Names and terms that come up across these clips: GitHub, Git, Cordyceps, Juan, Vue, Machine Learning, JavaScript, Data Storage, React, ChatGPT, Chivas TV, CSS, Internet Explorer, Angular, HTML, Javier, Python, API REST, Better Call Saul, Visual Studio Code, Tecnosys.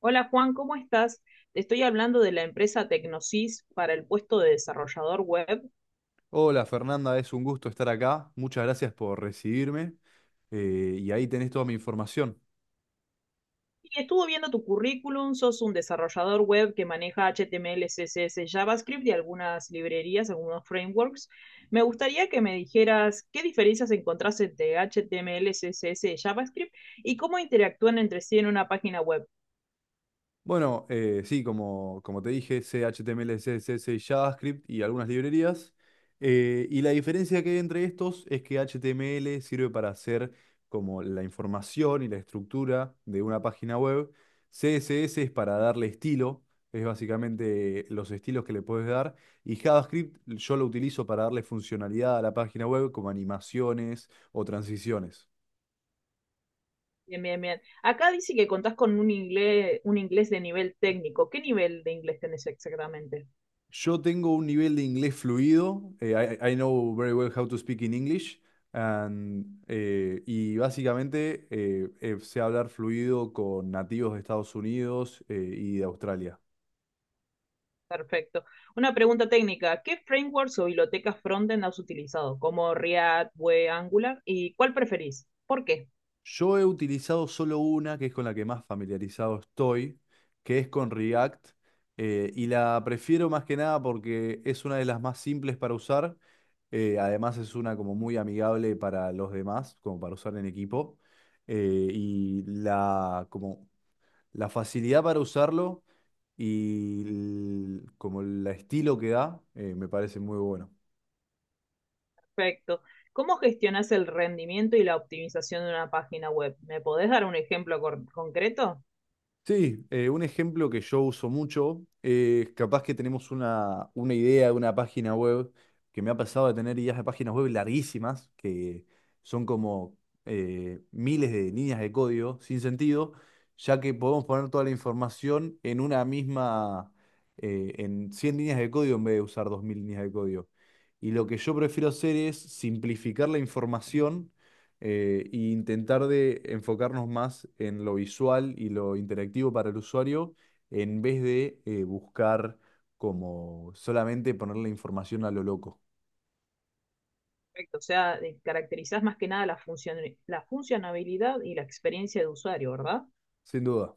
Hola Juan, ¿cómo estás? Te estoy hablando de la empresa Tecnosys para el puesto de desarrollador web. Hola Fernanda, es un gusto estar acá. Muchas gracias por recibirme. Y ahí tenés toda mi información. Y estuve viendo tu currículum, sos un desarrollador web que maneja HTML, CSS, JavaScript y algunas librerías, algunos frameworks. Me gustaría que me dijeras qué diferencias encontrás entre HTML, CSS y JavaScript y cómo interactúan entre sí en una página web. Bueno, sí, como te dije, C, HTML, CSS y JavaScript y algunas librerías. Y la diferencia que hay entre estos es que HTML sirve para hacer como la información y la estructura de una página web. CSS es para darle estilo, es básicamente los estilos que le puedes dar. Y JavaScript yo lo utilizo para darle funcionalidad a la página web como animaciones o transiciones. Bien, bien, bien. Acá dice que contás con un inglés de nivel técnico. ¿Qué nivel de inglés tenés exactamente? Yo tengo un nivel de inglés fluido. I know very well how to speak in English. And y básicamente sé hablar fluido con nativos de Estados Unidos y de Australia. Perfecto. Una pregunta técnica. ¿Qué frameworks o bibliotecas frontend has utilizado? Como React, Vue, Angular. ¿Y cuál preferís? ¿Por qué? Yo he utilizado solo una, que es con la que más familiarizado estoy, que es con React, y la prefiero más que nada porque es una de las más simples para usar, además es una como muy amigable para los demás, como para usar en equipo, eh, y la, como, la facilidad para usarlo y como el estilo que da, me parece muy bueno. Perfecto. ¿Cómo gestionas el rendimiento y la optimización de una página web? ¿Me podés dar un ejemplo cor- concreto? Sí, un ejemplo que yo uso mucho es capaz que tenemos una idea de una página web, que me ha pasado de tener ideas de páginas web larguísimas, que son como miles de líneas de código sin sentido, ya que podemos poner toda la información en una misma, en 100 líneas de código en vez de usar 2000 líneas de código. Y lo que yo prefiero hacer es simplificar la información e intentar de enfocarnos más en lo visual y lo interactivo para el usuario en vez de buscar como solamente ponerle información a lo loco. Perfecto. O sea, de- caracterizás más que nada la función, la funcionalidad y la experiencia de usuario, ¿verdad? Sin duda.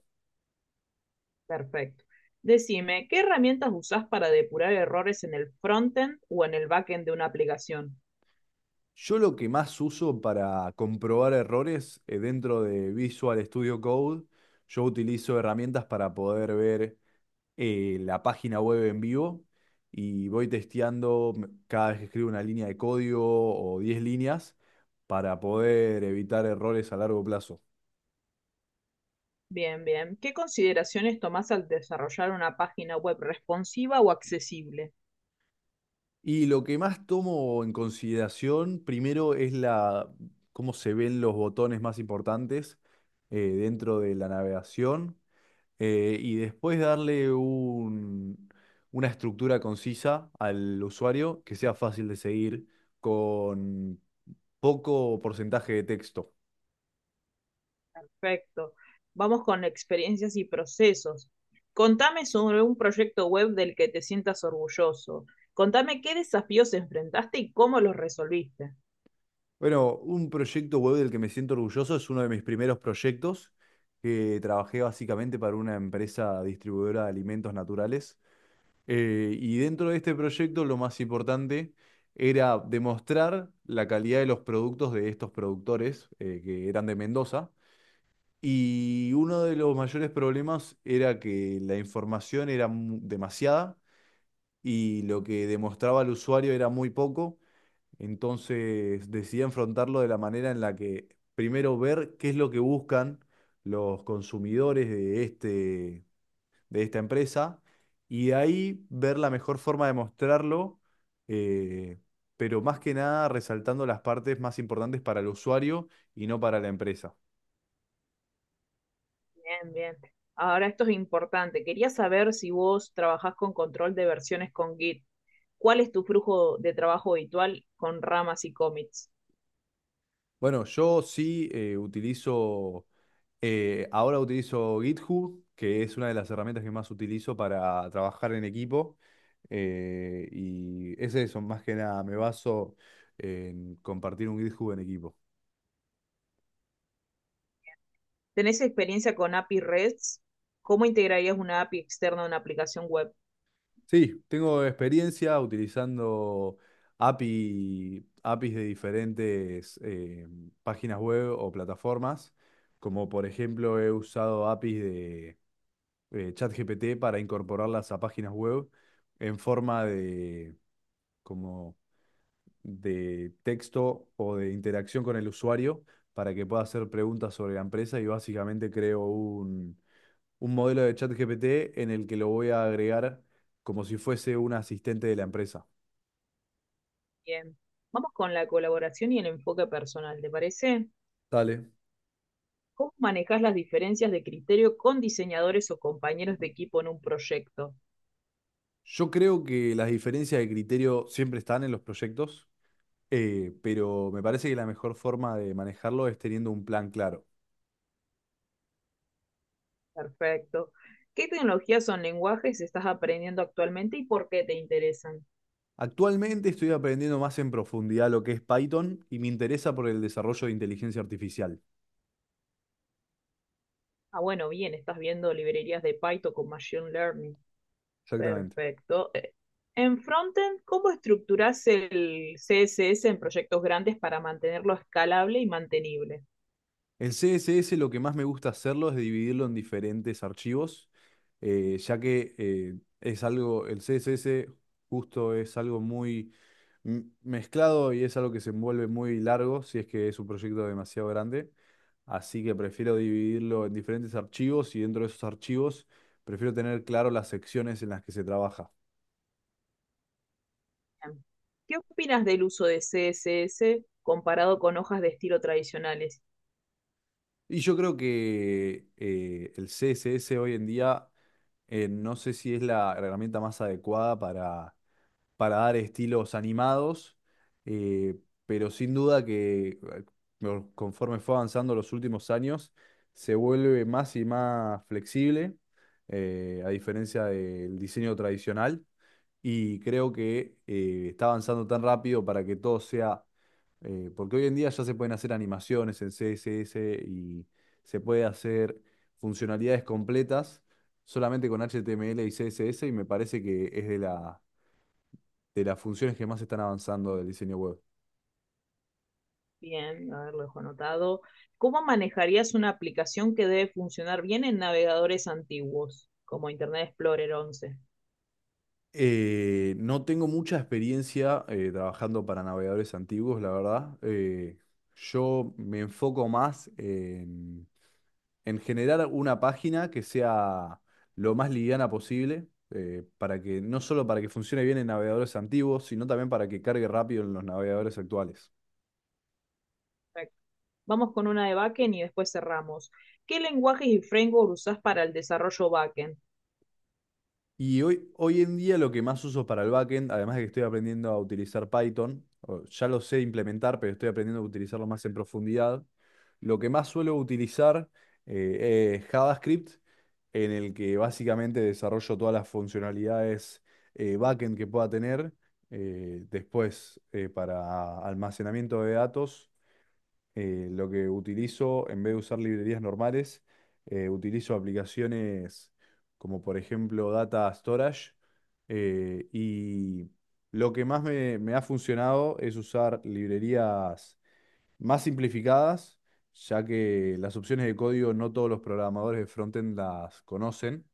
Perfecto. Decime, ¿qué herramientas usás para depurar errores en el frontend o en el backend de una aplicación? Yo lo que más uso para comprobar errores dentro de Visual Studio Code, yo utilizo herramientas para poder ver la página web en vivo y voy testeando cada vez que escribo una línea de código o 10 líneas para poder evitar errores a largo plazo. Bien, bien. ¿Qué consideraciones tomás al desarrollar una página web responsiva o accesible? Y lo que más tomo en consideración primero es la, cómo se ven los botones más importantes dentro de la navegación y después una estructura concisa al usuario que sea fácil de seguir con poco porcentaje de texto. Perfecto. Vamos con experiencias y procesos. Contame sobre un proyecto web del que te sientas orgulloso. Contame qué desafíos enfrentaste y cómo los resolviste. Bueno, un proyecto web del que me siento orgulloso es uno de mis primeros proyectos, que trabajé básicamente para una empresa distribuidora de alimentos naturales. Y dentro de este proyecto lo más importante era demostrar la calidad de los productos de estos productores, que eran de Mendoza. Y uno de los mayores problemas era que la información era demasiada y lo que demostraba al usuario era muy poco. Entonces decidí enfrentarlo de la manera en la que primero ver qué es lo que buscan los consumidores de de esta empresa y de ahí ver la mejor forma de mostrarlo, eh, pero más que nada resaltando las partes más importantes para el usuario y no para la empresa. Bien, bien. Ahora esto es importante. Quería saber si vos trabajás con control de versiones con Git. ¿Cuál es tu flujo de trabajo habitual con ramas y commits? Bueno, yo sí ahora utilizo GitHub, que es una de las herramientas que más utilizo para trabajar en equipo. Y es eso, más que nada, me baso en compartir un GitHub en equipo. ¿Tenés experiencia con API REST? ¿Cómo integrarías una API externa a una aplicación web? Sí, tengo experiencia utilizando APIs de diferentes páginas web o plataformas, como por ejemplo he usado APIs de... ChatGPT para incorporarlas a páginas web en forma de, como de texto o de interacción con el usuario para que pueda hacer preguntas sobre la empresa y básicamente creo un modelo de ChatGPT en el que lo voy a agregar como si fuese un asistente de la empresa. Bien. Vamos con la colaboración y el enfoque personal, ¿te parece? Dale. ¿Cómo manejas las diferencias de criterio con diseñadores o compañeros de equipo en un proyecto? Yo creo que las diferencias de criterio siempre están en los proyectos, pero me parece que la mejor forma de manejarlo es teniendo un plan claro. Perfecto. ¿Qué tecnologías o lenguajes estás aprendiendo actualmente y por qué te interesan? Actualmente estoy aprendiendo más en profundidad lo que es Python y me interesa por el desarrollo de inteligencia artificial. Ah, bueno, bien, estás viendo librerías de Python con Machine Learning. Exactamente. Perfecto. En frontend, ¿cómo estructurás el CSS en proyectos grandes para mantenerlo escalable y mantenible? En CSS lo que más me gusta hacerlo es dividirlo en diferentes archivos, ya que es algo, el CSS justo es algo muy mezclado y es algo que se envuelve muy largo si es que es un proyecto demasiado grande. Así que prefiero dividirlo en diferentes archivos y dentro de esos archivos prefiero tener claro las secciones en las que se trabaja. Bien. ¿Qué opinas del uso de CSS comparado con hojas de estilo tradicionales? Y yo creo que el CSS hoy en día, no sé si es la herramienta más adecuada para dar estilos animados, eh, pero sin duda que conforme fue avanzando los últimos años, se vuelve más y más flexible, a diferencia del diseño tradicional, y creo que está avanzando tan rápido para que todo sea, porque hoy en día ya se pueden hacer animaciones en CSS y se puede hacer funcionalidades completas solamente con HTML y CSS y me parece que es de la de las funciones que más están avanzando del diseño web. Bien, a ver, lo dejo anotado. ¿Cómo manejarías una aplicación que debe funcionar bien en navegadores antiguos, como Internet Explorer 11? No tengo mucha experiencia trabajando para navegadores antiguos, la verdad. Yo me enfoco más en generar una página que sea lo más liviana posible, para que no solo para que funcione bien en navegadores antiguos, sino también para que cargue rápido en los navegadores actuales. Vamos con una de backend y después cerramos. ¿Qué lenguajes y framework usás para el desarrollo backend? Y hoy en día lo que más uso para el backend, además de que estoy aprendiendo a utilizar Python, o ya lo sé implementar, pero estoy aprendiendo a utilizarlo más en profundidad, lo que más suelo utilizar es JavaScript, en el que básicamente desarrollo todas las funcionalidades backend que pueda tener, después para almacenamiento de datos lo que utilizo, en vez de usar librerías normales, utilizo aplicaciones como por ejemplo Data Storage. Y lo que más me ha funcionado es usar librerías más simplificadas, ya que las opciones de código no todos los programadores de frontend las conocen,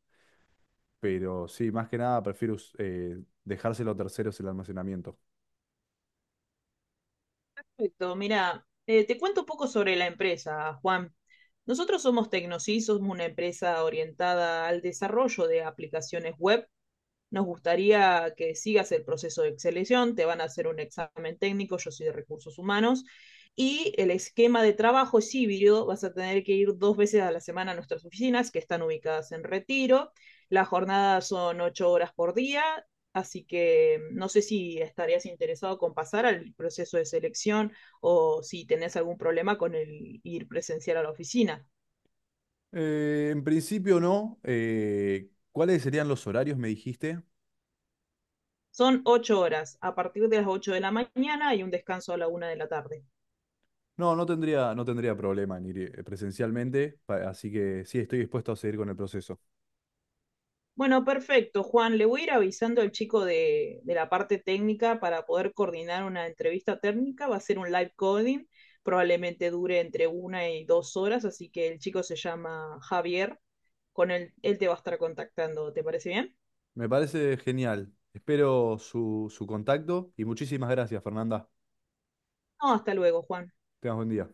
pero sí, más que nada prefiero dejárselo a terceros el almacenamiento. Perfecto, mira, te cuento un poco sobre la empresa, Juan. Nosotros somos Tecnosys, somos una empresa orientada al desarrollo de aplicaciones web, nos gustaría que sigas el proceso de selección. Te van a hacer un examen técnico, yo soy de recursos humanos, y el esquema de trabajo es híbrido. Vas a tener que ir 2 veces a la semana a nuestras oficinas que están ubicadas en retiro. Las jornadas son 8 horas por día, así que no sé si estarías interesado con pasar al proceso de selección o si tenés algún problema con el ir presencial a la oficina. En principio no. ¿Cuáles serían los horarios, me dijiste? Son ocho horas, a partir de las 8 de la mañana y un descanso a la 1 de la tarde. No, no tendría problema en ir presencialmente, así que sí, estoy dispuesto a seguir con el proceso. Bueno, perfecto, Juan. Le voy a ir avisando al chico de la parte técnica para poder coordinar una entrevista técnica. Va a ser un live coding, probablemente dure entre 1 y 2 horas, así que el chico se llama Javier. Con él, él te va a estar contactando. ¿Te parece bien? Me parece genial. Espero su contacto y muchísimas gracias, Fernanda. No, hasta luego, Juan. Tengas buen día.